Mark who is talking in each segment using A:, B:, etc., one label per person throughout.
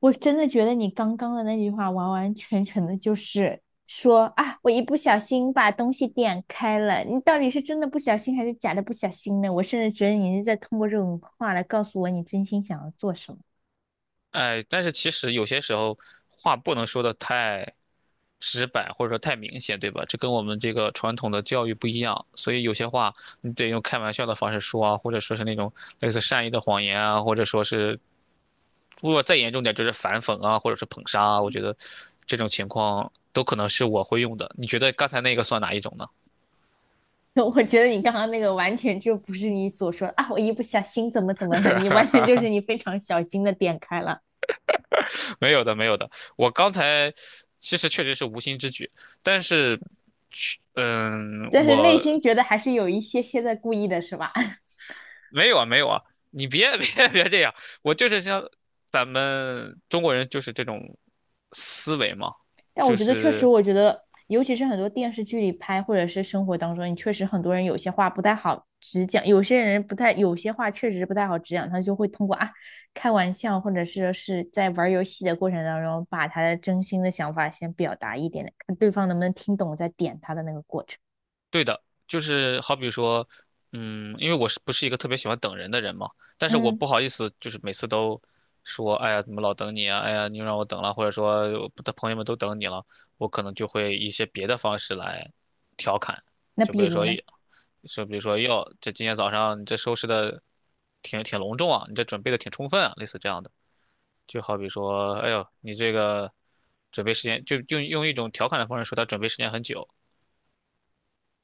A: 我真的觉得你刚刚的那句话完完全全的就是说啊，我一不小心把东西点开了。你到底是真的不小心还是假的不小心呢？我甚至觉得你是在通过这种话来告诉我你真心想要做什么。
B: 哎，但是其实有些时候话不能说的太直白，或者说太明显，对吧？这跟我们这个传统的教育不一样，所以有些话你得用开玩笑的方式说啊，或者说是那种类似善意的谎言啊，或者说是如果再严重点就是反讽啊，或者是捧杀啊。我觉得这种情况都可能是我会用的。你觉得刚才那个算哪一种呢？
A: 我觉得你刚刚那个完全就不是你所说啊，我一不小心怎么怎么的，你完全就是你非常小心的点开了，
B: 没有的，没有的。我刚才其实确实是无心之举，但是
A: 但是内
B: 我
A: 心觉得还是有一些些在故意的，是吧？
B: 没有啊，没有啊，你别 别这样，我就是像咱们中国人就是这种思维嘛，
A: 但我
B: 就
A: 觉得确实，
B: 是
A: 我觉得尤其是很多电视剧里拍，或者是生活当中，你确实很多人有些话不太好直讲，有些人不太，有些话确实不太好直讲，他就会通过啊开玩笑，或者是在玩游戏的过程当中，把他的真心的想法先表达一点点，看对方能不能听懂，再点他的那个过程。
B: 对的，就是好比说，因为我是不是一个特别喜欢等人的人嘛，但是我
A: 嗯，
B: 不好意思，就是每次都说，哎呀，怎么老等你啊，哎呀，你又让我等了，或者说我的朋友们都等你了，我可能就会一些别的方式来调侃，
A: 那
B: 就
A: 比
B: 比如
A: 如
B: 说
A: 呢？
B: 说比如说哟，这今天早上你这收拾的挺隆重啊，你这准备的挺充分啊，类似这样的。就好比说，哎呦，你这个准备时间，就用一种调侃的方式说他准备时间很久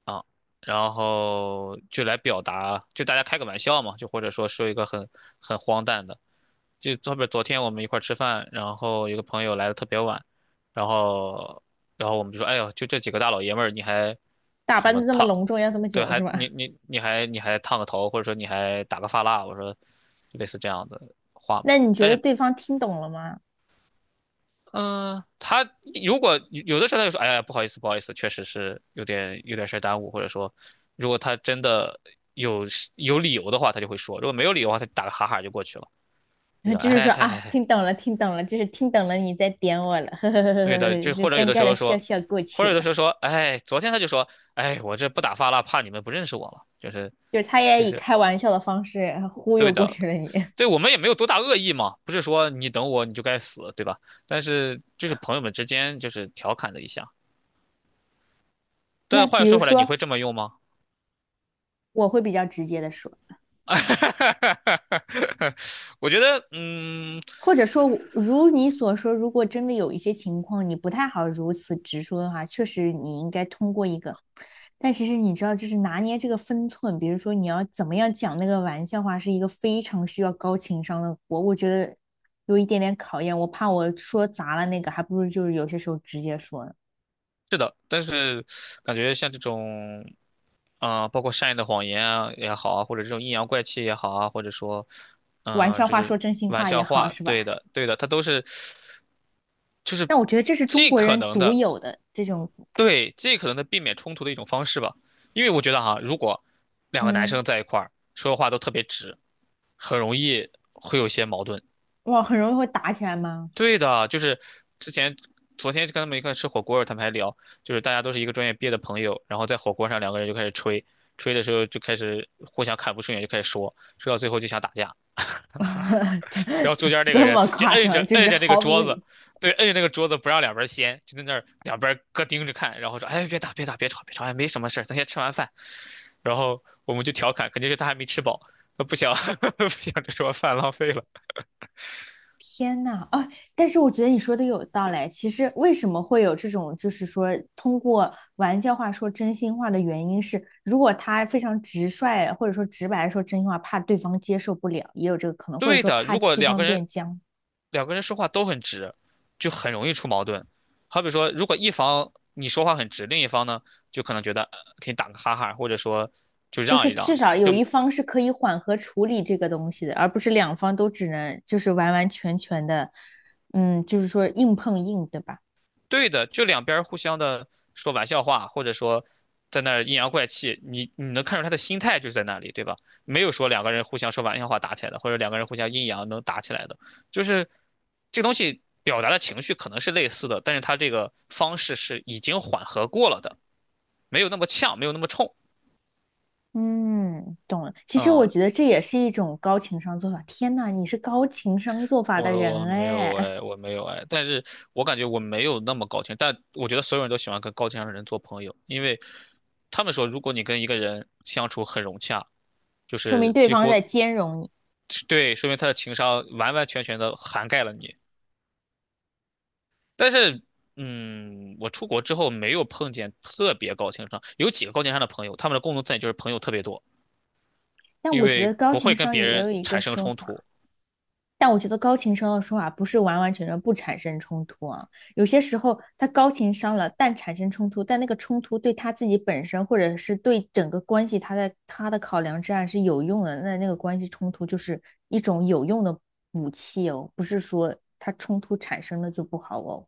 B: 啊，然后就来表达，就大家开个玩笑嘛，就或者说一个很荒诞的，就后边昨天我们一块儿吃饭，然后有个朋友来的特别晚，然后然后我们就说，哎呦，就这几个大老爷们儿，你还
A: 打
B: 什
A: 扮
B: 么
A: 的这么
B: 烫？
A: 隆重，要这么
B: 对，
A: 久是
B: 还你
A: 吧？
B: 你你还你还烫个头，或者说你还打个发蜡，我说类似这样的话 嘛
A: 那你觉
B: 但
A: 得
B: 是，
A: 对方听懂了吗？
B: 嗯、他如果有的时候他就说，哎呀，不好意思，不好意思，确实是有点事儿耽误，或者说，如果他真的有有理由的话，他就会说；如果没有理由的话，他打个哈哈就过去了，
A: 然
B: 就
A: 后
B: 说，
A: 就是
B: 哎
A: 说
B: 嗨嗨
A: 啊，
B: 嗨，
A: 听懂了，听懂了，就是听懂了，你在点我了，呵呵呵呵
B: 对
A: 呵
B: 的，
A: 呵，
B: 就
A: 就
B: 或者有
A: 尴
B: 的时
A: 尬的
B: 候
A: 笑
B: 说，
A: 笑过
B: 或
A: 去
B: 者有
A: 了。
B: 的时候说，哎，昨天他就说，哎，我这不打发了，怕你们不认识我了，就是
A: 就是他也
B: 就
A: 以
B: 是
A: 开玩笑的方式忽悠
B: 对
A: 过
B: 的，
A: 去了你。
B: 对我们也没有多大恶意嘛，不是说你等我你就该死，对吧？但是就是朋友们之间就是调侃了一下。
A: 那
B: 但话
A: 比
B: 又
A: 如
B: 说回来，你
A: 说，
B: 会这么用吗？
A: 我会比较直接的说。
B: 我觉得，
A: 或者说，如你所说，如果真的有一些情况你不太好如此直说的话，确实你应该通过一个，但其实你知道，就是拿捏这个分寸，比如说你要怎么样讲那个玩笑话，是一个非常需要高情商的活，我觉得有一点点考验，我怕我说砸了那个，还不如就是有些时候直接说呢，
B: 是的，但是感觉像这种。包括善意的谎言啊也好啊，或者这种阴阳怪气也好啊，或者说，
A: 玩笑
B: 就
A: 话说
B: 是
A: 真心
B: 玩
A: 话也
B: 笑
A: 好，
B: 话，
A: 是
B: 对
A: 吧？
B: 的，对的，他都是就是
A: 但我觉得这是中
B: 尽
A: 国
B: 可
A: 人
B: 能
A: 独
B: 的，
A: 有的这种，
B: 对，尽可能的避免冲突的一种方式吧。因为我觉得哈、如果两个男
A: 嗯，
B: 生在一块儿说话都特别直，很容易会有一些矛盾。
A: 哇，很容易会打起来吗？
B: 对的，就是之前昨天跟他们一块吃火锅，他们还聊，就是大家都是一个专业毕业的朋友，然后在火锅上两个人就开始吹，吹的时候就开始互相看不顺眼，就开始说，说到最后就想打架，
A: 这
B: 然后中
A: 这
B: 间那个
A: 这
B: 人
A: 么
B: 就
A: 夸
B: 摁着
A: 张，就
B: 摁
A: 是
B: 着那个
A: 毫无
B: 桌子，对，摁着那个桌子不让两边掀，就在那儿两边各盯着看，然后说，哎，别打别打别吵别吵，哎，没什么事儿，咱先吃完饭，然后我们就调侃，肯定是他还没吃饱。他不想 不想这桌饭浪费了。
A: 天呐啊！但是我觉得你说的有道理。其实为什么会有这种，就是说通过玩笑话说真心话的原因是，如果他非常直率或者说直白地说真心话，怕对方接受不了，也有这个可能，或者
B: 对
A: 说
B: 的，
A: 怕
B: 如果
A: 气
B: 两个
A: 氛
B: 人
A: 变僵，
B: 两个人说话都很直，就很容易出矛盾。好比说，如果一方你说话很直，另一方呢就可能觉得呃可以打个哈哈，或者说就
A: 就
B: 让一
A: 是至
B: 让，
A: 少有
B: 就
A: 一方是可以缓和处理这个东西的，而不是两方都只能就是完完全全的，嗯，就是说硬碰硬，对吧？
B: 对的，就两边互相的说玩笑话，或者说在那儿阴阳怪气，你能看出他的心态就在那里，对吧？没有说两个人互相说玩笑话打起来的，或者两个人互相阴阳能打起来的，就是这个东西表达的情绪可能是类似的，但是他这个方式是已经缓和过了的，没有那么呛，没有那么冲。
A: 嗯，懂了。其实我
B: 嗯，
A: 觉得这也是一种高情商做法。天呐，你是高情商做法的
B: 我
A: 人
B: 没有
A: 哎，
B: 哎，我没有哎，但是我感觉我没有那么高情，但我觉得所有人都喜欢跟高情商的人做朋友，因为他们说，如果你跟一个人相处很融洽，就
A: 说明
B: 是
A: 对
B: 几
A: 方是在
B: 乎
A: 兼容你。
B: 对，说明他的情商完完全全的涵盖了你。但是，我出国之后没有碰见特别高情商，有几个高情商的朋友，他们的共同特点就是朋友特别多，
A: 但
B: 因
A: 我觉得
B: 为
A: 高
B: 不
A: 情
B: 会跟
A: 商
B: 别
A: 也有
B: 人
A: 一个
B: 产生
A: 说
B: 冲
A: 法，
B: 突。
A: 但我觉得高情商的说法不是完完全全不产生冲突啊。有些时候他高情商了，但产生冲突，但那个冲突对他自己本身或者是对整个关系，他在他的考量之下是有用的。那那个关系冲突就是一种有用的武器哦，不是说他冲突产生了就不好哦。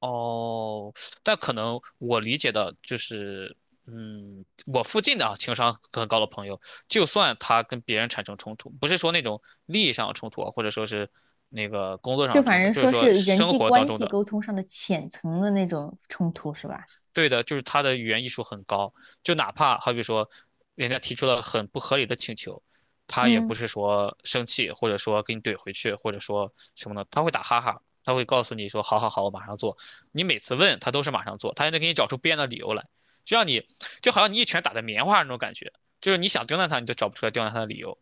B: 哦，但可能我理解的就是，我附近的啊，情商很高的朋友，就算他跟别人产生冲突，不是说那种利益上的冲突啊或者说是那个工作上
A: 就
B: 的冲
A: 反
B: 突，
A: 正
B: 就是
A: 说
B: 说
A: 是人
B: 生
A: 际
B: 活当
A: 关
B: 中
A: 系
B: 的
A: 沟通上的浅层的那种冲突，是吧？
B: 对的，就是他的语言艺术很高，就哪怕好比说，人家提出了很不合理的请求，他也不
A: 嗯，
B: 是说生气，或者说给你怼回去，或者说什么呢？他会打哈哈，他会告诉你说好好好，我马上做。你每次问他都是马上做，他还能给你找出编的理由来，就让你就好像你一拳打在棉花那种感觉，就是你想刁难他，你都找不出来刁难他的理由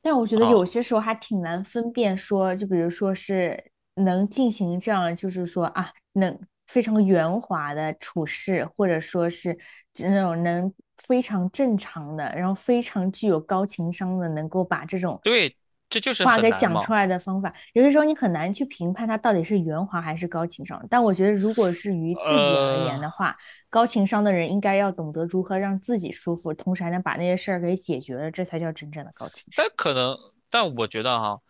A: 但我觉得
B: 啊。
A: 有些时候还挺难分辨说，就比如说是能进行这样，就是说啊，能非常圆滑的处事，或者说是那种能非常正常的，然后非常具有高情商的，能够把这种
B: 对，这就是
A: 话
B: 很
A: 给
B: 难
A: 讲出
B: 嘛。
A: 来的方法，有些时候你很难去评判他到底是圆滑还是高情商。但我觉得，如果是于自己而言
B: 呃，
A: 的话，高情商的人应该要懂得如何让自己舒服，同时还能把那些事儿给解决了，这才叫真正的高情商。
B: 但可能，但我觉得哈，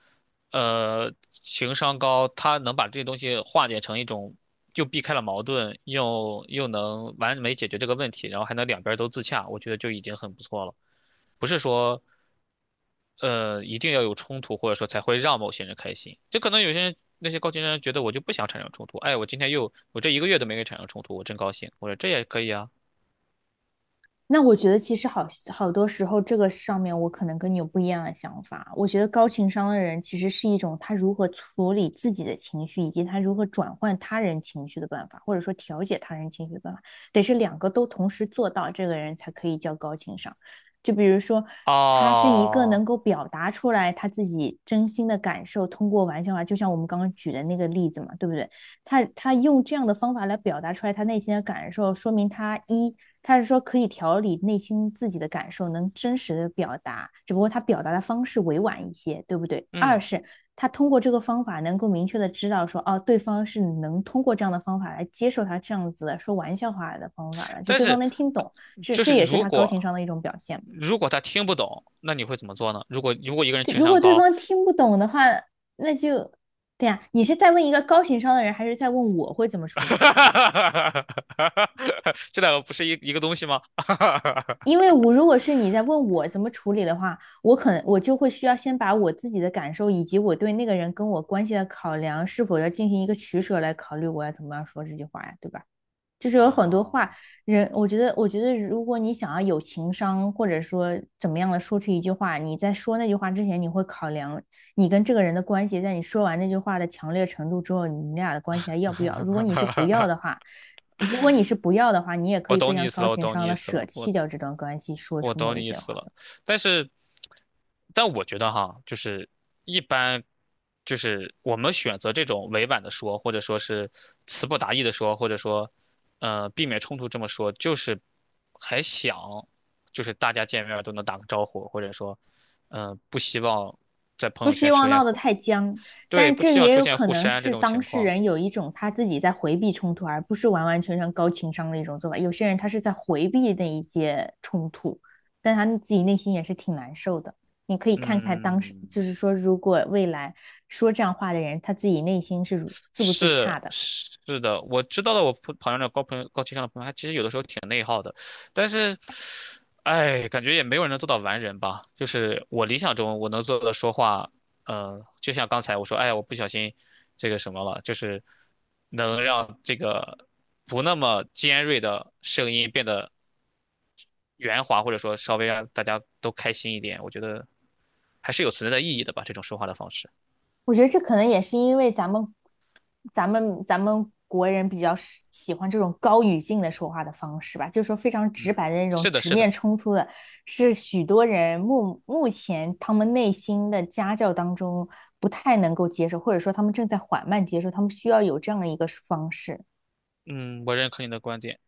B: 情商高，他能把这些东西化解成一种，又避开了矛盾，又能完美解决这个问题，然后还能两边儿都自洽，我觉得就已经很不错了。不是说，一定要有冲突，或者说才会让某些人开心。就可能有些人，那些高情商人觉得我就不想产生冲突，哎，我今天又，我这一个月都没给产生冲突，我真高兴。我说这也可以啊。
A: 那我觉得其实好好多时候，这个上面我可能跟你有不一样的想法。我觉得高情商的人其实是一种他如何处理自己的情绪，以及他如何转换他人情绪的办法，或者说调节他人情绪的办法，得是两个都同时做到，这个人才可以叫高情商。就比如说，他是一个
B: 哦，
A: 能够表达出来他自己真心的感受，通过玩笑话，就像我们刚刚举的那个例子嘛，对不对？他用这样的方法来表达出来他内心的感受，说明他一他是说可以调理内心自己的感受，能真实的表达，只不过他表达的方式委婉一些，对不对？二
B: 嗯，
A: 是他通过这个方法能够明确的知道说，哦，对方是能通过这样的方法来接受他这样子的说玩笑话的方法的，就
B: 但
A: 对方
B: 是
A: 能听懂，这
B: 就
A: 这
B: 是
A: 也是
B: 如
A: 他高
B: 果
A: 情商的一种表现。
B: 如果他听不懂，那你会怎么做呢？如果一个人情
A: 如
B: 商
A: 果对
B: 高，
A: 方听不懂的话，那就，对呀，啊你是在问一个高情商的人，还是在问我会怎么处 理？
B: 这两个不是一个东西吗？
A: 因 为我如果是你在问我怎么处理的话，我可能就会需要先把我自己的感受以及我对那个人跟我关系的考量是否要进行一个取舍来考虑我要怎么样说这句话呀，对吧？就是有很多
B: 啊，
A: 话，人，我觉得，我觉得，如果你想要有情商，或者说怎么样的说出一句话，你在说那句话之前，你会考量你跟这个人的关系，在你说完那句话的强烈程度之后，你俩的关系还要不要？如果你是不要的 话，你也可
B: 我
A: 以非
B: 懂你
A: 常
B: 意思
A: 高
B: 了，我
A: 情
B: 懂你
A: 商的
B: 意思
A: 舍
B: 了，我
A: 弃掉这段关系，说
B: 我
A: 出
B: 懂
A: 某一
B: 你意
A: 些
B: 思
A: 话。
B: 了，但是，但我觉得哈，就是一般，就是我们选择这种委婉的说，或者说是词不达意的说，或者说，避免冲突这么说，就是还想，就是大家见面儿都能打个招呼，或者说，不希望在朋
A: 不
B: 友
A: 希
B: 圈出
A: 望
B: 现
A: 闹得
B: 互，
A: 太僵，
B: 对，
A: 但
B: 不
A: 这
B: 希望
A: 也
B: 出
A: 有
B: 现
A: 可
B: 互
A: 能
B: 删这
A: 是
B: 种
A: 当
B: 情
A: 事
B: 况。
A: 人有一种他自己在回避冲突，而不是完完全全高情商的一种做法。有些人他是在回避那一些冲突，但他自己内心也是挺难受的。你可以看看当时，
B: 嗯，
A: 就是说，如果未来说这样话的人，他自己内心是自不自
B: 是
A: 洽的。
B: 是的，我知道的。我朋友的高情商的朋友，他其实有的时候挺内耗的，但是，哎，感觉也没有人能做到完人吧。就是我理想中我能做的说话，就像刚才我说，哎呀我不小心这个什么了，就是能让这个不那么尖锐的声音变得圆滑，或者说稍微让大家都开心一点。我觉得还是有存在的意义的吧，这种说话的方式。
A: 我觉得这可能也是因为咱们，咱们国人比较喜欢这种高语境的说话的方式吧，就是说非常直白的
B: 嗯，
A: 那种
B: 是的，
A: 直
B: 是的，
A: 面冲突的，是许多人目前他们内心的家教当中不太能够接受，或者说他们正在缓慢接受，他们需要有这样的一个方式。
B: 嗯，我认可你的观点。